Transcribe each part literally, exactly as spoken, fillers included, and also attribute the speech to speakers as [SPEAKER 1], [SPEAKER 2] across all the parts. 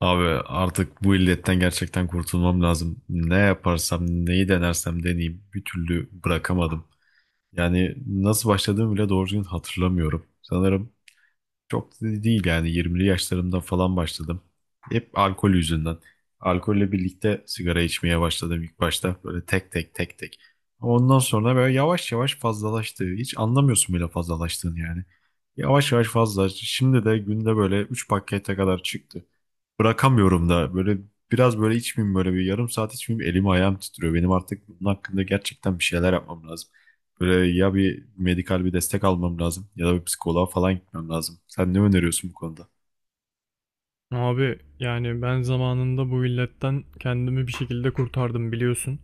[SPEAKER 1] Abi artık bu illetten gerçekten kurtulmam lazım. Ne yaparsam, neyi denersem deneyeyim bir türlü bırakamadım. Yani nasıl başladığımı bile doğru düzgün hatırlamıyorum. Sanırım çok da değil yani yirmili yaşlarımda falan başladım. Hep alkol yüzünden. Alkolle birlikte sigara içmeye başladım ilk başta. Böyle tek tek tek tek. Ondan sonra böyle yavaş yavaş fazlalaştı. Hiç anlamıyorsun bile fazlalaştığını yani. Yavaş yavaş fazla. Şimdi de günde böyle üç pakete kadar çıktı, bırakamıyorum da. Böyle biraz böyle içmeyeyim, böyle bir yarım saat içmeyeyim elim ayağım titriyor. Benim artık bunun hakkında gerçekten bir şeyler yapmam lazım. Böyle ya bir medikal bir destek almam lazım ya da bir psikoloğa falan gitmem lazım. Sen ne öneriyorsun bu konuda?
[SPEAKER 2] Abi yani ben zamanında bu illetten kendimi bir şekilde kurtardım biliyorsun.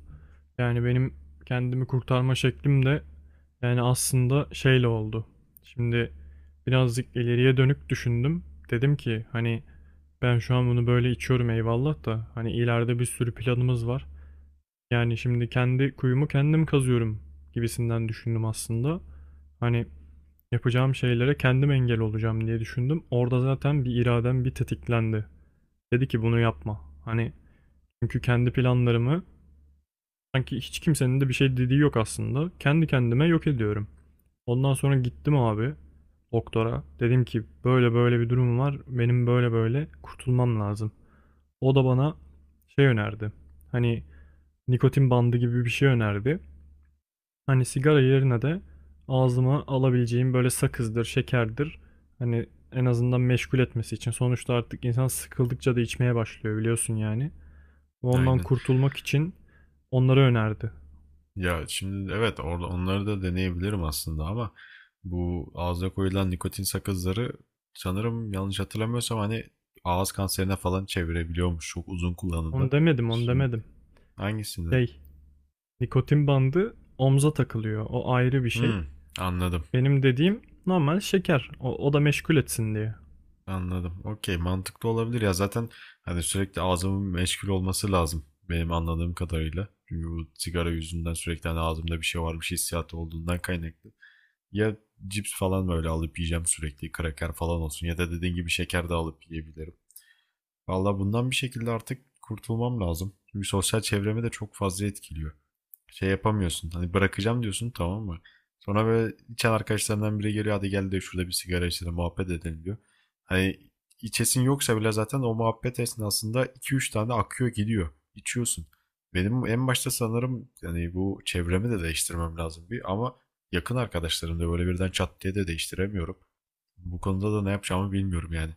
[SPEAKER 2] Yani benim kendimi kurtarma şeklim de yani aslında şeyle oldu. Şimdi birazcık ileriye dönük düşündüm. Dedim ki hani ben şu an bunu böyle içiyorum eyvallah da hani ileride bir sürü planımız var. Yani şimdi kendi kuyumu kendim kazıyorum gibisinden düşündüm aslında. Hani yapacağım şeylere kendim engel olacağım diye düşündüm. Orada zaten bir iradem bir tetiklendi. Dedi ki bunu yapma. Hani çünkü kendi planlarımı sanki hiç kimsenin de bir şey dediği yok aslında. Kendi kendime yok ediyorum. Ondan sonra gittim abi doktora. Dedim ki böyle böyle bir durum var. Benim böyle böyle kurtulmam lazım. O da bana şey önerdi. Hani nikotin bandı gibi bir şey önerdi. Hani sigara yerine de ağzıma alabileceğim böyle sakızdır, şekerdir. Hani en azından meşgul etmesi için. Sonuçta artık insan sıkıldıkça da içmeye başlıyor biliyorsun yani. Ve ondan
[SPEAKER 1] Aynen.
[SPEAKER 2] kurtulmak için onları önerdi.
[SPEAKER 1] Ya şimdi evet orada onları da deneyebilirim aslında ama bu ağza koyulan nikotin sakızları, sanırım yanlış hatırlamıyorsam hani, ağız kanserine falan çevirebiliyormuş çok uzun kullanımda.
[SPEAKER 2] Onu demedim, onu
[SPEAKER 1] Şimdi
[SPEAKER 2] demedim.
[SPEAKER 1] hangisini?
[SPEAKER 2] Şey, nikotin bandı omza takılıyor. O ayrı bir şey.
[SPEAKER 1] Hmm, anladım.
[SPEAKER 2] Benim dediğim normal şeker. O, o da meşgul etsin diye.
[SPEAKER 1] Anladım. Okey, mantıklı olabilir ya. Zaten hani sürekli ağzımın meşgul olması lazım benim anladığım kadarıyla. Çünkü bu sigara yüzünden sürekli hani ağzımda bir şey varmış hissiyatı olduğundan kaynaklı. Ya cips falan böyle alıp yiyeceğim sürekli, kraker falan olsun ya da dediğin gibi şeker de alıp yiyebilirim. Valla bundan bir şekilde artık kurtulmam lazım. Çünkü sosyal çevremi de çok fazla etkiliyor, şey yapamıyorsun. Hani bırakacağım diyorsun, tamam mı? Sonra böyle içen arkadaşlarından biri geliyor, hadi gel de şurada bir sigara içelim muhabbet edelim diyor. Hani içesin yoksa bile zaten o muhabbet esnasında iki üç tane akıyor gidiyor. İçiyorsun. Benim en başta sanırım yani bu çevremi de değiştirmem lazım bir, ama yakın arkadaşlarım da böyle birden çat diye de değiştiremiyorum. Bu konuda da ne yapacağımı bilmiyorum yani.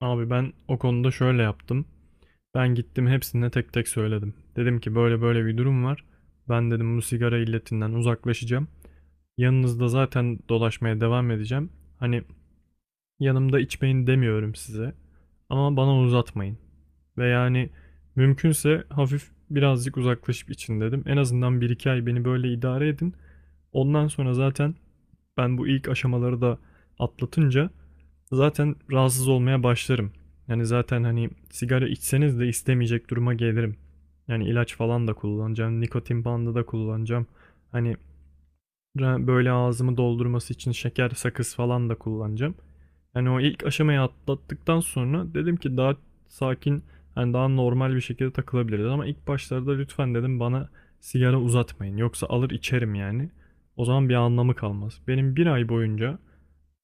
[SPEAKER 2] Abi ben o konuda şöyle yaptım. Ben gittim hepsine tek tek söyledim. Dedim ki böyle böyle bir durum var. Ben dedim bu sigara illetinden uzaklaşacağım. Yanınızda zaten dolaşmaya devam edeceğim. Hani yanımda içmeyin demiyorum size. Ama bana uzatmayın. Ve yani mümkünse hafif birazcık uzaklaşıp için dedim. En azından bir iki ay beni böyle idare edin. Ondan sonra zaten ben bu ilk aşamaları da atlatınca zaten rahatsız olmaya başlarım. Yani zaten hani sigara içseniz de istemeyecek duruma gelirim. Yani ilaç falan da kullanacağım, nikotin bandı da kullanacağım. Hani böyle ağzımı doldurması için şeker, sakız falan da kullanacağım. Yani o ilk aşamayı atlattıktan sonra dedim ki daha sakin, hani daha normal bir şekilde takılabiliriz. Ama ilk başlarda lütfen dedim bana sigara uzatmayın. Yoksa alır içerim yani. O zaman bir anlamı kalmaz. Benim bir ay boyunca,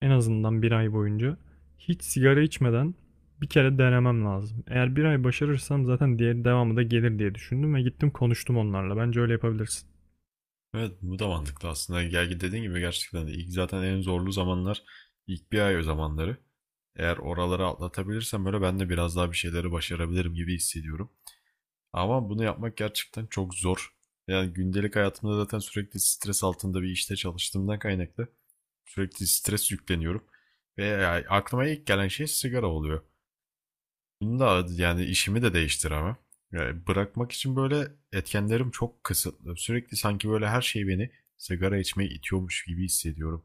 [SPEAKER 2] en azından bir ay boyunca hiç sigara içmeden bir kere denemem lazım. Eğer bir ay başarırsam zaten diğer devamı da gelir diye düşündüm ve gittim konuştum onlarla. Bence öyle yapabilirsin.
[SPEAKER 1] Evet, bu da mantıklı aslında. Gerçi dediğin gibi gerçekten de ilk zaten en zorlu zamanlar ilk bir ay o zamanları. Eğer oraları atlatabilirsem böyle ben de biraz daha bir şeyleri başarabilirim gibi hissediyorum. Ama bunu yapmak gerçekten çok zor. Yani gündelik hayatımda zaten sürekli stres altında bir işte çalıştığımdan kaynaklı sürekli stres yükleniyorum. Ve yani aklıma ilk gelen şey sigara oluyor. Bunu da yani işimi de değiştiremem. Yani bırakmak için böyle etkenlerim çok kısıtlı. Sürekli sanki böyle her şey beni sigara içmeye itiyormuş gibi hissediyorum.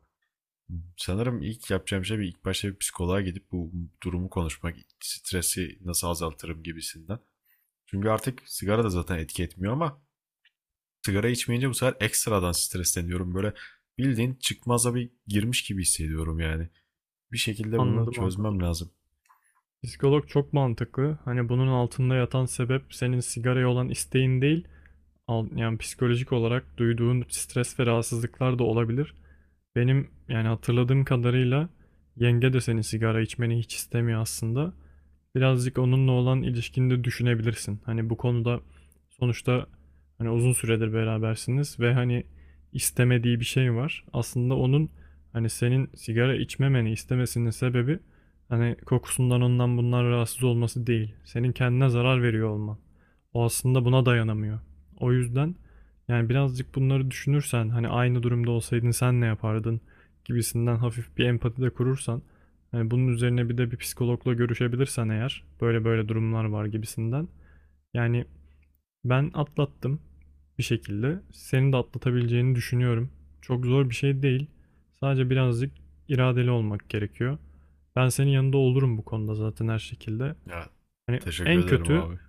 [SPEAKER 1] Sanırım ilk yapacağım şey bir ilk başta bir psikoloğa gidip bu durumu konuşmak, stresi nasıl azaltırım gibisinden. Çünkü artık sigara da zaten etki etmiyor ama sigara içmeyince bu sefer ekstradan stresleniyorum. Böyle bildiğin çıkmaza bir girmiş gibi hissediyorum yani. Bir şekilde bunu
[SPEAKER 2] Anladım anladım.
[SPEAKER 1] çözmem lazım.
[SPEAKER 2] Psikolog çok mantıklı. Hani bunun altında yatan sebep senin sigaraya olan isteğin değil, Al- yani psikolojik olarak duyduğun stres ve rahatsızlıklar da olabilir. Benim yani hatırladığım kadarıyla yenge de senin sigara içmeni hiç istemiyor aslında, birazcık onunla olan ilişkini de düşünebilirsin. Hani bu konuda sonuçta hani uzun süredir berabersiniz ve hani istemediği bir şey var. Aslında onun hani senin sigara içmemeni istemesinin sebebi hani kokusundan ondan bundan rahatsız olması değil. Senin kendine zarar veriyor olman. O aslında buna dayanamıyor. O yüzden yani birazcık bunları düşünürsen hani aynı durumda olsaydın sen ne yapardın gibisinden hafif bir empati de kurursan, hani bunun üzerine bir de bir psikologla görüşebilirsen eğer böyle böyle durumlar var gibisinden. Yani ben atlattım bir şekilde. Senin de atlatabileceğini düşünüyorum. Çok zor bir şey değil. Sadece birazcık iradeli olmak gerekiyor. Ben senin yanında olurum bu konuda zaten her şekilde.
[SPEAKER 1] Ya,
[SPEAKER 2] Hani
[SPEAKER 1] teşekkür
[SPEAKER 2] en
[SPEAKER 1] ederim
[SPEAKER 2] kötü
[SPEAKER 1] abi.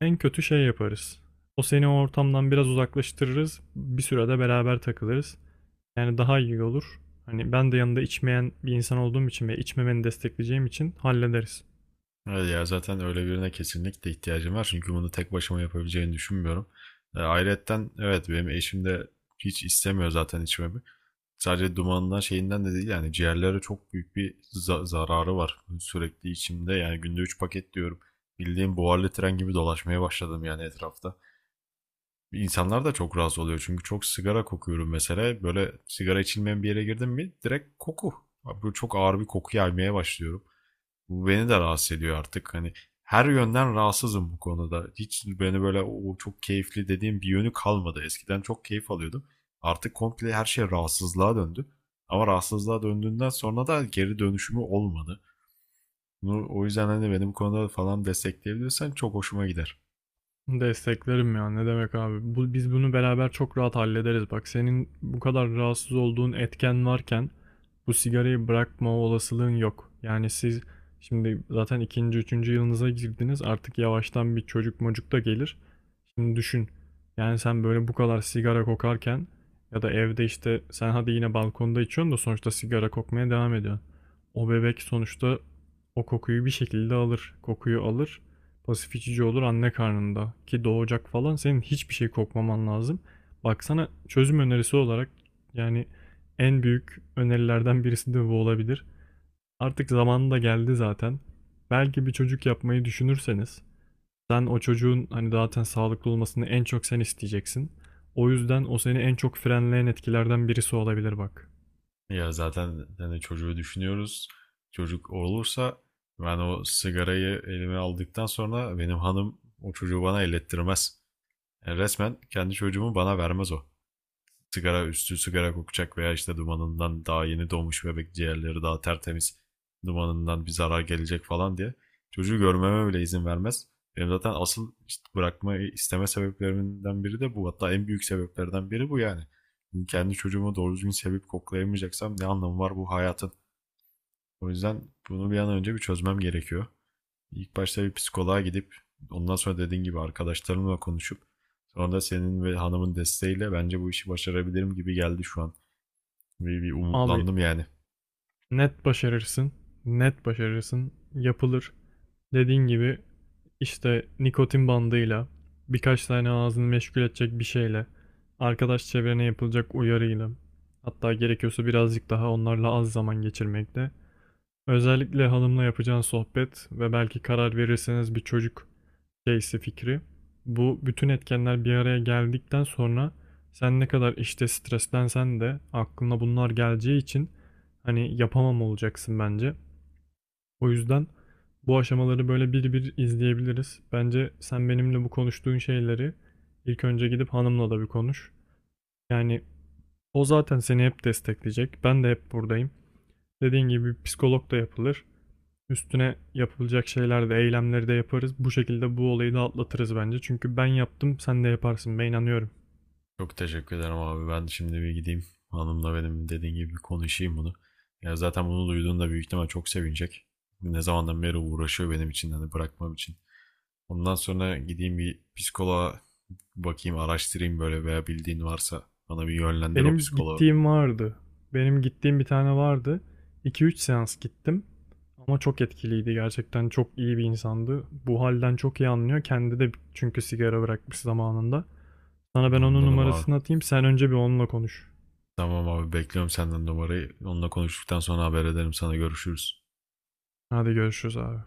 [SPEAKER 2] en kötü şey yaparız. O seni o ortamdan biraz uzaklaştırırız. Bir sürede beraber takılırız. Yani daha iyi olur. Hani ben de yanında içmeyen bir insan olduğum için ve içmemeni destekleyeceğim için hallederiz.
[SPEAKER 1] Evet ya, zaten öyle birine kesinlikle ihtiyacım var. Çünkü bunu tek başıma yapabileceğini düşünmüyorum. E, ayrıyetten evet, benim eşim de hiç istemiyor zaten içmemi. Sadece dumanından şeyinden de değil, yani ciğerlere çok büyük bir za- zararı var. Sürekli içimde, yani günde üç paket diyorum. Bildiğim buharlı tren gibi dolaşmaya başladım yani etrafta. İnsanlar da çok rahatsız oluyor çünkü çok sigara kokuyorum mesela. Böyle sigara içilmeyen bir yere girdim mi direkt koku. Abi, böyle çok ağır bir koku yaymaya başlıyorum. Bu beni de rahatsız ediyor artık. Hani her yönden rahatsızım bu konuda. Hiç beni böyle o çok keyifli dediğim bir yönü kalmadı. Eskiden çok keyif alıyordum. Artık komple her şey rahatsızlığa döndü. Ama rahatsızlığa döndüğünden sonra da geri dönüşümü olmadı. Bunu, o yüzden hani benim konuda falan destekleyebilirsen çok hoşuma gider.
[SPEAKER 2] Desteklerim ya. Ne demek abi? Bu, biz bunu beraber çok rahat hallederiz. Bak senin bu kadar rahatsız olduğun etken varken bu sigarayı bırakma olasılığın yok. Yani siz şimdi zaten ikinci, üçüncü yılınıza girdiniz. Artık yavaştan bir çocuk mocuk da gelir. Şimdi düşün. Yani sen böyle bu kadar sigara kokarken ya da evde işte sen hadi yine balkonda içiyorsun da sonuçta sigara kokmaya devam ediyorsun. O bebek sonuçta o kokuyu bir şekilde alır. Kokuyu alır. Pasif içici olur anne karnında ki doğacak falan senin hiçbir şey kokmaman lazım. Baksana çözüm önerisi olarak yani en büyük önerilerden birisi de bu olabilir. Artık zamanı da geldi zaten. Belki bir çocuk yapmayı düşünürseniz sen o çocuğun hani zaten sağlıklı olmasını en çok sen isteyeceksin. O yüzden o seni en çok frenleyen etkilerden birisi olabilir bak.
[SPEAKER 1] Ya zaten hani çocuğu düşünüyoruz. Çocuk olursa ben o sigarayı elime aldıktan sonra benim hanım o çocuğu bana ellettirmez. Yani resmen kendi çocuğumu bana vermez o. Sigara üstü sigara kokacak veya işte dumanından, daha yeni doğmuş bebek ciğerleri daha tertemiz, dumanından bir zarar gelecek falan diye çocuğu görmeme bile izin vermez. Benim zaten asıl işte bırakmayı isteme sebeplerimden biri de bu. Hatta en büyük sebeplerden biri bu yani. Kendi çocuğumu doğru düzgün sevip koklayamayacaksam ne anlamı var bu hayatın? O yüzden bunu bir an önce bir çözmem gerekiyor. İlk başta bir psikoloğa gidip, ondan sonra dediğin gibi arkadaşlarımla konuşup, sonra da senin ve hanımın desteğiyle bence bu işi başarabilirim gibi geldi şu an. Bir, bir
[SPEAKER 2] Abi
[SPEAKER 1] umutlandım yani.
[SPEAKER 2] net başarırsın. Net başarırsın. Yapılır. Dediğin gibi işte nikotin bandıyla, birkaç tane ağzını meşgul edecek bir şeyle, arkadaş çevrene yapılacak uyarıyla, hatta gerekiyorsa birazcık daha onlarla az zaman geçirmekle, özellikle hanımla yapacağın sohbet ve belki karar verirseniz bir çocuk şeysi fikri. Bu bütün etkenler bir araya geldikten sonra sen ne kadar işte streslensen de aklına bunlar geleceği için hani yapamam olacaksın bence. O yüzden bu aşamaları böyle bir bir izleyebiliriz. Bence sen benimle bu konuştuğun şeyleri ilk önce gidip hanımla da bir konuş. Yani o zaten seni hep destekleyecek. Ben de hep buradayım. Dediğin gibi psikolog da yapılır. Üstüne yapılacak şeyler de eylemleri de yaparız. Bu şekilde bu olayı da atlatırız bence. Çünkü ben yaptım, sen de yaparsın. Ben inanıyorum.
[SPEAKER 1] Çok teşekkür ederim abi. Ben şimdi bir gideyim. Hanımla benim dediğin gibi bir konuşayım bunu. Ya zaten bunu duyduğunda büyük ihtimal çok sevinecek. Ne zamandan beri uğraşıyor benim için hani bırakmam için. Ondan sonra gideyim bir psikoloğa, bakayım araştırayım böyle, veya bildiğin varsa bana bir yönlendir o
[SPEAKER 2] Benim
[SPEAKER 1] psikoloğu.
[SPEAKER 2] gittiğim vardı. Benim gittiğim bir tane vardı. iki üç seans gittim. Ama çok etkiliydi gerçekten. Çok iyi bir insandı. Bu halden çok iyi anlıyor. Kendi de çünkü sigara bırakmış zamanında. Sana ben onun
[SPEAKER 1] Anladım abi.
[SPEAKER 2] numarasını atayım. Sen önce bir onunla konuş.
[SPEAKER 1] Tamam abi, bekliyorum senden numarayı. Onunla konuştuktan sonra haber ederim sana, görüşürüz.
[SPEAKER 2] Hadi görüşürüz abi.